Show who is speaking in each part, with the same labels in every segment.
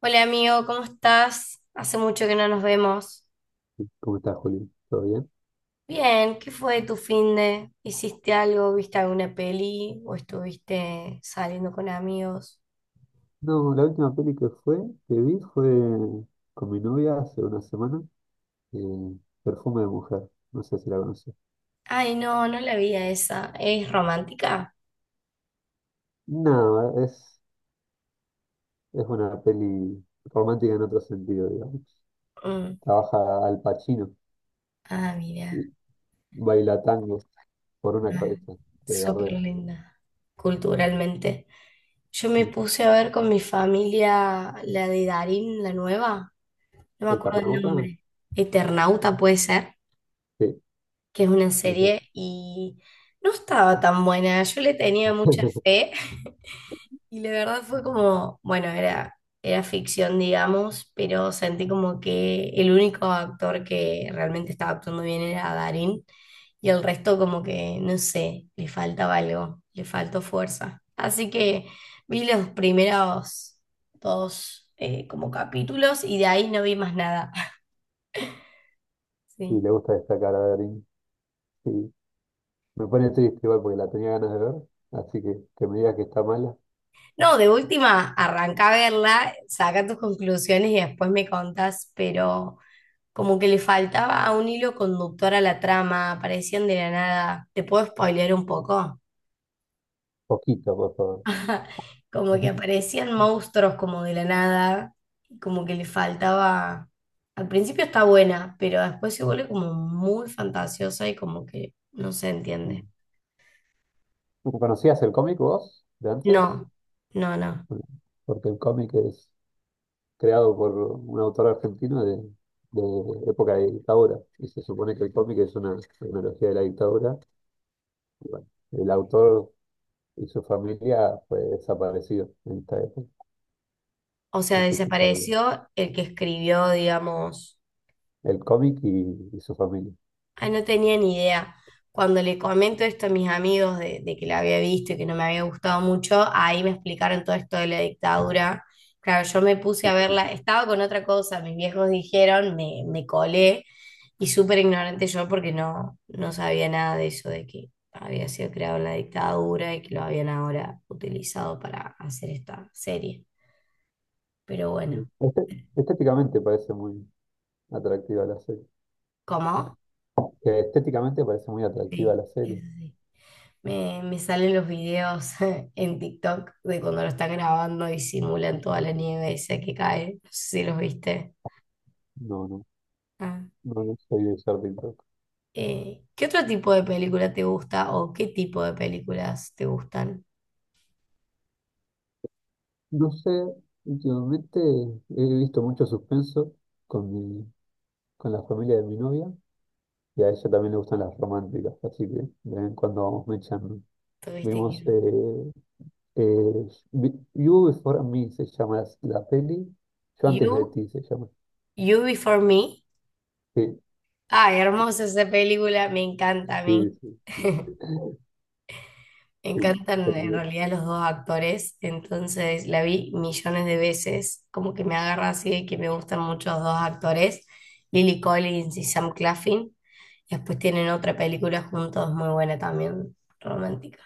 Speaker 1: Hola amigo, ¿cómo estás? Hace mucho que no nos vemos.
Speaker 2: ¿Cómo estás, Juli? ¿Todo bien?
Speaker 1: Bien, ¿qué fue de tu fin de? ¿Hiciste algo? ¿Viste alguna peli? ¿O estuviste saliendo con amigos?
Speaker 2: No, la última peli que fue, que vi fue con mi novia hace una semana, eh, Perfume de Mujer. No sé si la conoces.
Speaker 1: Ay, no, no la vi a esa. ¿Es romántica?
Speaker 2: No, es una peli romántica en otro sentido, digamos.
Speaker 1: Mm.
Speaker 2: Trabaja Al Pacino
Speaker 1: Ah, mira.
Speaker 2: y baila tango por una
Speaker 1: Ah,
Speaker 2: cabeza de
Speaker 1: súper
Speaker 2: Gardel.
Speaker 1: linda. Culturalmente. Yo me
Speaker 2: ¿El
Speaker 1: puse a ver con mi familia la de Darín, la nueva. No me acuerdo el
Speaker 2: Eternauta?
Speaker 1: nombre. Eternauta puede ser.
Speaker 2: Sí,
Speaker 1: Que es una
Speaker 2: es ese.
Speaker 1: serie, y no estaba tan buena. Yo le tenía mucha fe y la verdad fue como, bueno, era ficción, digamos, pero sentí como que el único actor que realmente estaba actuando bien era Darín y el resto como que, no sé, le faltaba algo, le faltó fuerza. Así que vi los primeros dos como capítulos y de ahí no vi más nada.
Speaker 2: Y
Speaker 1: Sí.
Speaker 2: le gusta destacar a Darín. Sí. Me pone triste igual porque la tenía ganas de ver, así que me digas que está mala,
Speaker 1: No, de última, arranca a verla, saca tus conclusiones y después me contas, pero como que le faltaba un hilo conductor a la trama, aparecían de la nada. ¿Te puedo spoilear un poco?
Speaker 2: poquito, por favor.
Speaker 1: Como que aparecían monstruos como de la nada, y como que le faltaba. Al principio está buena, pero después se vuelve como muy fantasiosa y como que no se
Speaker 2: ¿No
Speaker 1: entiende.
Speaker 2: ¿Conocías el cómic vos de antes?
Speaker 1: No, no, no.
Speaker 2: Bueno, porque el cómic es creado por un autor argentino de época de dictadura. Y se supone que el cómic es una tecnología de la dictadura. Y bueno, el autor y su familia fue desaparecido en esta época.
Speaker 1: O sea,
Speaker 2: No sé si sabían.
Speaker 1: desapareció el que escribió, digamos.
Speaker 2: El cómic y su familia.
Speaker 1: Ay, no tenía ni idea. Cuando le comento esto a mis amigos de que la había visto y que no me había gustado mucho, ahí me explicaron todo esto de la dictadura. Claro, yo me puse a verla, estaba con otra cosa, mis viejos dijeron, me colé y súper ignorante yo porque no, no sabía nada de eso, de que había sido creado en la dictadura y que lo habían ahora utilizado para hacer esta serie. Pero bueno,
Speaker 2: Este- Estéticamente parece muy atractiva la serie.
Speaker 1: ¿cómo?
Speaker 2: Que estéticamente parece muy atractiva
Speaker 1: Sí,
Speaker 2: la
Speaker 1: eso
Speaker 2: serie.
Speaker 1: sí. Me salen los videos en TikTok de cuando lo están grabando y simulan toda la nieve esa que cae. No sé si los viste.
Speaker 2: No, no,
Speaker 1: Ah.
Speaker 2: no, no soy de ser pintor.
Speaker 1: ¿Qué otro tipo de película te gusta o qué tipo de películas te gustan?
Speaker 2: No sé, últimamente he visto mucho suspenso con mi, con la familia de mi novia y a ella también le gustan las románticas, así que de vez en cuando vamos mechando.
Speaker 1: ¿Tuviste que
Speaker 2: Vimos
Speaker 1: ir-
Speaker 2: eh, You Before Me se llama la peli, Yo antes de
Speaker 1: You,
Speaker 2: ti se llama.
Speaker 1: You Before Me.
Speaker 2: Sí,
Speaker 1: Ay, hermosa esa película, me encanta a mí.
Speaker 2: sí, sí,
Speaker 1: Me
Speaker 2: sí,
Speaker 1: encantan en
Speaker 2: también
Speaker 1: realidad los dos actores, entonces la vi millones de veces, como que me agarra así de que me gustan mucho los dos actores, Lily Collins y Sam Claflin. Y después tienen otra película juntos muy buena también, romántica.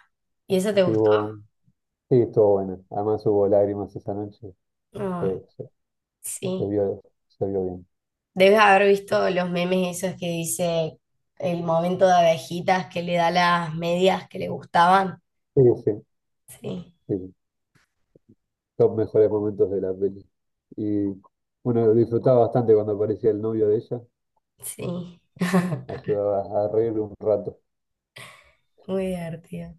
Speaker 1: ¿Y esa te gustó?
Speaker 2: estuvo- sí, estuvo buena. Además hubo lágrimas esa noche,
Speaker 1: Mm,
Speaker 2: se, se- se
Speaker 1: sí.
Speaker 2: vio, se vio bien.
Speaker 1: Debes haber visto los memes esos que dice el momento de abejitas que le da las medias que le gustaban.
Speaker 2: Sí, sí,
Speaker 1: Sí,
Speaker 2: sí, sí. Los mejores momentos de la peli. Y bueno, lo disfrutaba bastante cuando aparecía el novio de ella.
Speaker 1: sí.
Speaker 2: Ayudaba a reír un rato.
Speaker 1: Muy divertido.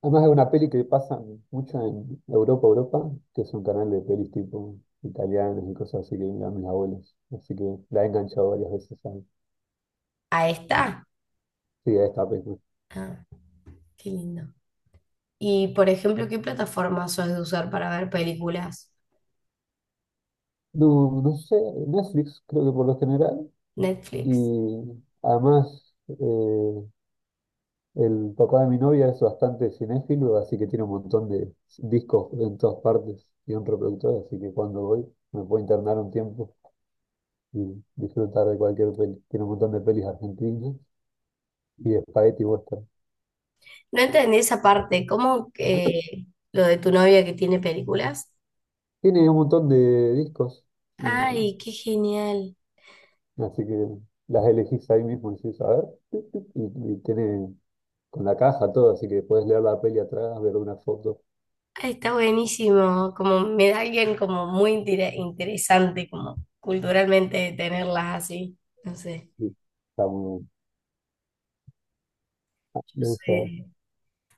Speaker 2: Además es una peli que pasa mucho en Europa, que es un canal de pelis tipo italianas y cosas así que miran mis abuelos. Así que la he enganchado varias veces
Speaker 1: ¿A esta?
Speaker 2: sí, a esta película.
Speaker 1: Ah, qué lindo. Y, por ejemplo, ¿qué plataforma sos de usar para ver películas?
Speaker 2: No, no sé, Netflix creo que por lo general.
Speaker 1: Netflix.
Speaker 2: Y además el papá de mi novia es bastante cinéfilo, así que tiene un montón de discos en todas partes y un reproductor, así que cuando voy me puedo internar un tiempo y disfrutar de cualquier peli. Tiene un montón de pelis argentinas y de spaghetti western.
Speaker 1: No entendí esa parte. ¿Cómo que lo de tu novia que tiene películas?
Speaker 2: Tiene un montón de discos, y-
Speaker 1: Ay, qué genial.
Speaker 2: así que las elegís ahí mismo y decís, a ver, tuc, tuc, y tiene con la caja todo, así que puedes leer la peli atrás, ver una foto,
Speaker 1: Ay, está buenísimo. Como me da alguien como muy interesante, como culturalmente tenerlas así. No sé.
Speaker 2: y está muy bueno.
Speaker 1: Yo
Speaker 2: Me gusta.
Speaker 1: soy-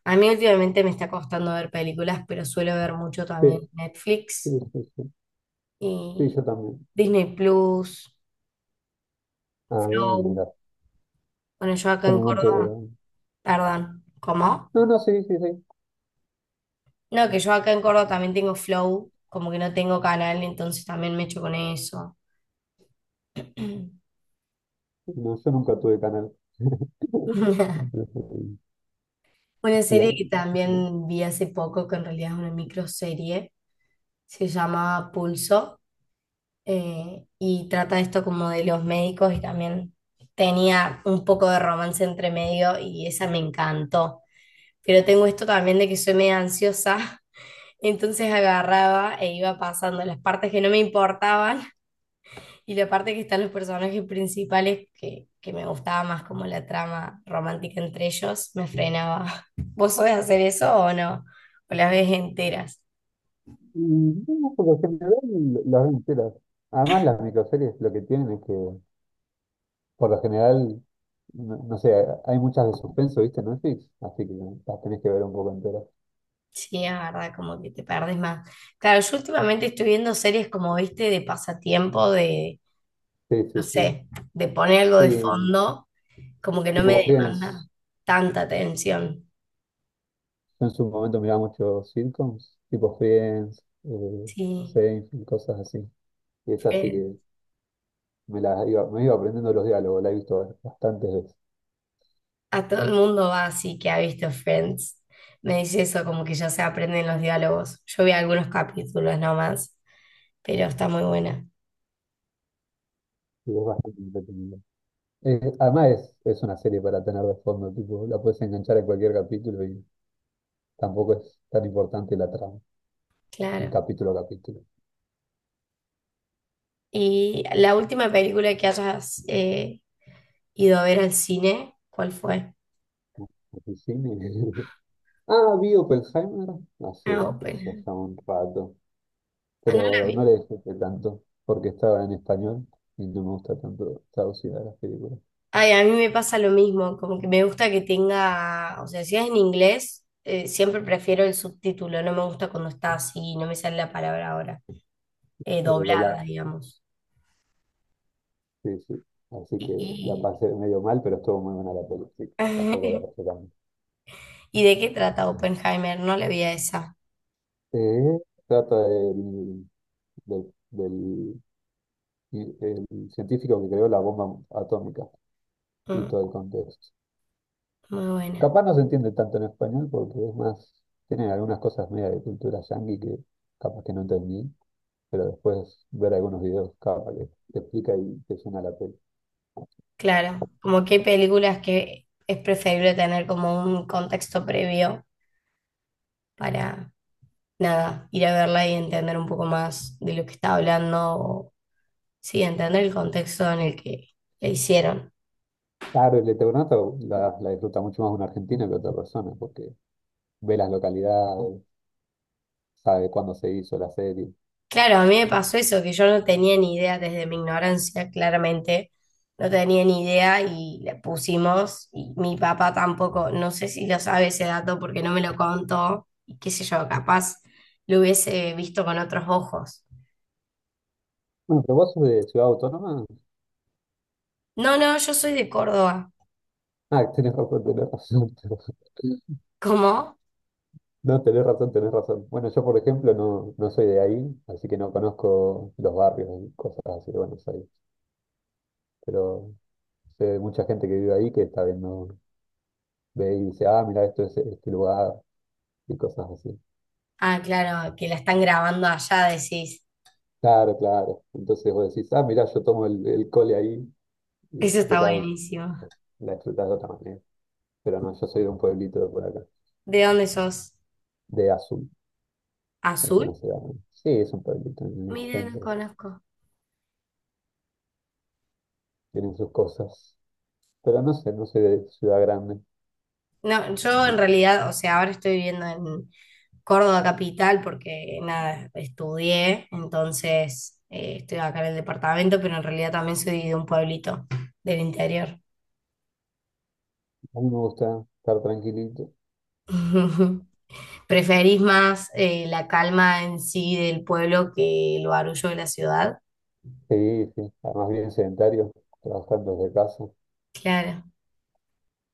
Speaker 1: A mí últimamente me está costando ver películas, pero suelo ver mucho
Speaker 2: Sí,
Speaker 1: también
Speaker 2: sí,
Speaker 1: Netflix
Speaker 2: sí, sí. Sí,
Speaker 1: y
Speaker 2: yo también.
Speaker 1: Disney Plus,
Speaker 2: Ah,
Speaker 1: Flow.
Speaker 2: mira.
Speaker 1: Bueno, yo acá
Speaker 2: Yo en
Speaker 1: en
Speaker 2: un momento...
Speaker 1: Córdoba, perdón, ¿cómo?
Speaker 2: No, no, sí, sí, sí.
Speaker 1: No, que yo acá en Córdoba también tengo Flow, como que no tengo canal, entonces también me echo con eso.
Speaker 2: No, yo nunca tuve canal. Entonces,
Speaker 1: Una
Speaker 2: sí, ah,
Speaker 1: serie que
Speaker 2: no.
Speaker 1: también vi hace poco, que en realidad es una microserie, se llama Pulso, y trata esto como de los médicos y también tenía un poco de romance entre medio y esa me encantó. Pero tengo esto también de que soy medio ansiosa. Entonces agarraba e iba pasando las partes que no me importaban y la parte que están los personajes principales que me gustaba más como la trama romántica entre ellos, me frenaba. ¿Vos sabés hacer eso o no? ¿O las ves enteras?
Speaker 2: Y no, por lo general las veo enteras. Además las microseries lo que tienen es que por lo general, no, no sé, hay muchas de suspenso, ¿viste? En Netflix, así que las tenés que ver un poco enteras.
Speaker 1: Sí, es verdad, como que te perdés más. Claro, yo últimamente estoy viendo series como, viste, de pasatiempo, de,
Speaker 2: Sí,
Speaker 1: no
Speaker 2: sí, sí.
Speaker 1: sé, de poner algo de
Speaker 2: Sí,
Speaker 1: fondo, como que no me
Speaker 2: tipo
Speaker 1: demanda
Speaker 2: Friends.
Speaker 1: tanta atención.
Speaker 2: Yo en su momento miraba muchos sitcoms, tipo Friends,
Speaker 1: Sí.
Speaker 2: Seinfeld, cosas así. Y es así
Speaker 1: eh,
Speaker 2: que me iba aprendiendo los diálogos, la he visto bastantes veces.
Speaker 1: A todo el mundo va así que ha visto Friends. Me dice eso, como que ya se aprenden los diálogos. Yo vi algunos capítulos nomás, pero está muy buena,
Speaker 2: Y es bastante entretenida. Además es una serie para tener de fondo, tipo, la puedes enganchar en cualquier capítulo y tampoco es tan importante la trama, en
Speaker 1: claro.
Speaker 2: capítulo a capítulo.
Speaker 1: ¿Y la última película que hayas ido a ver al cine, cuál fue?
Speaker 2: El cine. Ah, vi Oppenheimer
Speaker 1: Ah,
Speaker 2: hace, eso
Speaker 1: Oppenheimer.
Speaker 2: ya un rato,
Speaker 1: Ah, no la
Speaker 2: pero
Speaker 1: vi.
Speaker 2: no le disfruté tanto, porque estaba en español y no me gusta tanto traducida las películas,
Speaker 1: Ay, a mí me pasa lo mismo, como que me gusta que tenga, o sea, si es en inglés, siempre prefiero el subtítulo, no me gusta cuando está así, no me sale la palabra ahora,
Speaker 2: pero
Speaker 1: doblada,
Speaker 2: doblada,
Speaker 1: digamos.
Speaker 2: sí, sí. Así que la
Speaker 1: Y,
Speaker 2: pasé medio mal, pero estuvo muy buena la película, sí, tampoco
Speaker 1: y-
Speaker 2: la pasé tan.
Speaker 1: ¿Y de qué trata Oppenheimer? No le vi a esa.
Speaker 2: Sí, trata del, del- el científico que creó la bomba atómica y
Speaker 1: Mm,
Speaker 2: todo el contexto.
Speaker 1: muy buena.
Speaker 2: Capaz no se entiende tanto en español porque es más, tienen algunas cosas media de cultura yanqui que capaz que no entendí, pero después ver algunos videos capaz que te explica y te suena la peli.
Speaker 1: Claro, como que hay películas que es preferible tener como un contexto previo para, nada, ir a verla y entender un poco más de lo que está hablando, o, sí, entender el contexto en el que la hicieron.
Speaker 2: Claro, el Eternauta la disfruta mucho más una argentina que otra persona porque ve las localidades, sabe cuándo se hizo la serie.
Speaker 1: Claro, a mí me pasó eso, que yo no tenía ni idea desde mi ignorancia, claramente, no tenía ni idea y le pusimos, y mi papá tampoco, no sé si lo sabe ese dato porque no me lo contó, y qué sé yo, capaz lo hubiese visto con otros ojos.
Speaker 2: Bueno, pero vos sos de Ciudad Autónoma.
Speaker 1: No, no, yo soy de Córdoba.
Speaker 2: Ah, tenés razón, tenés razón.
Speaker 1: ¿Cómo?
Speaker 2: No, tenés razón, tenés razón. Bueno, yo por ejemplo no, no soy de ahí, así que no conozco los barrios y cosas así de Buenos Aires. Pero sé de mucha gente que vive ahí que está viendo, ve y dice, ah, mira, esto es este lugar y cosas así.
Speaker 1: Ah, claro, que la están grabando allá, decís.
Speaker 2: Claro, claro. Entonces vos decís, ah, mira, yo tomo el cole ahí y la
Speaker 1: Eso está
Speaker 2: explotás
Speaker 1: buenísimo.
Speaker 2: la explotás de otra manera. Pero no, yo soy de un pueblito de por acá,
Speaker 1: ¿De dónde sos?
Speaker 2: de Azul. Es
Speaker 1: ¿Azul?
Speaker 2: una ciudad, ¿no? Sí, es un pueblito en el
Speaker 1: Mira, no
Speaker 2: centro.
Speaker 1: conozco.
Speaker 2: Tienen sus cosas. Pero no sé, no soy de ciudad grande.
Speaker 1: No, yo en realidad, o sea, ahora estoy viviendo en Córdoba capital porque nada, estudié, entonces estoy acá en el departamento, pero en realidad también soy de un pueblito del interior.
Speaker 2: A mí me gusta estar tranquilito.
Speaker 1: ¿Preferís más la calma en sí del pueblo que el barullo de la ciudad?
Speaker 2: Sí, sí. Además, bien sedentario, trabajando desde casa.
Speaker 1: Claro.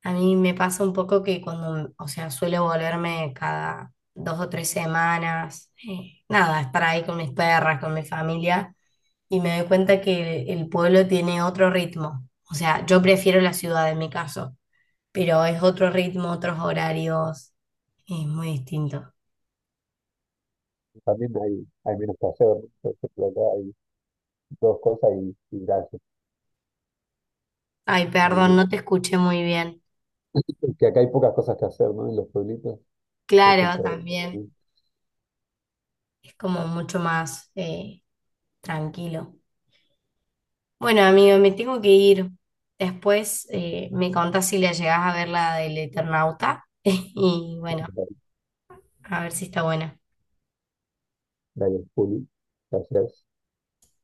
Speaker 1: A mí me pasa un poco que cuando, o sea, suelo volverme cada 2 o 3 semanas, nada, estar ahí con mis perras, con mi familia, y me doy cuenta que el pueblo tiene otro ritmo. O sea, yo prefiero la ciudad en mi caso, pero es otro ritmo, otros horarios, es muy distinto.
Speaker 2: También hay menos que hacer, ¿no? Por ejemplo, acá hay dos cosas y gracias.
Speaker 1: Ay,
Speaker 2: A
Speaker 1: perdón, no te escuché muy bien.
Speaker 2: es que acá hay pocas cosas que hacer, ¿no? En los pueblitos. Hay
Speaker 1: Claro,
Speaker 2: mucho de eso
Speaker 1: también
Speaker 2: también.
Speaker 1: es como mucho más tranquilo. Bueno, amigo, me tengo que ir. Después me contás si la llegás a ver la del Eternauta. Y bueno, a ver si está buena.
Speaker 2: Hay el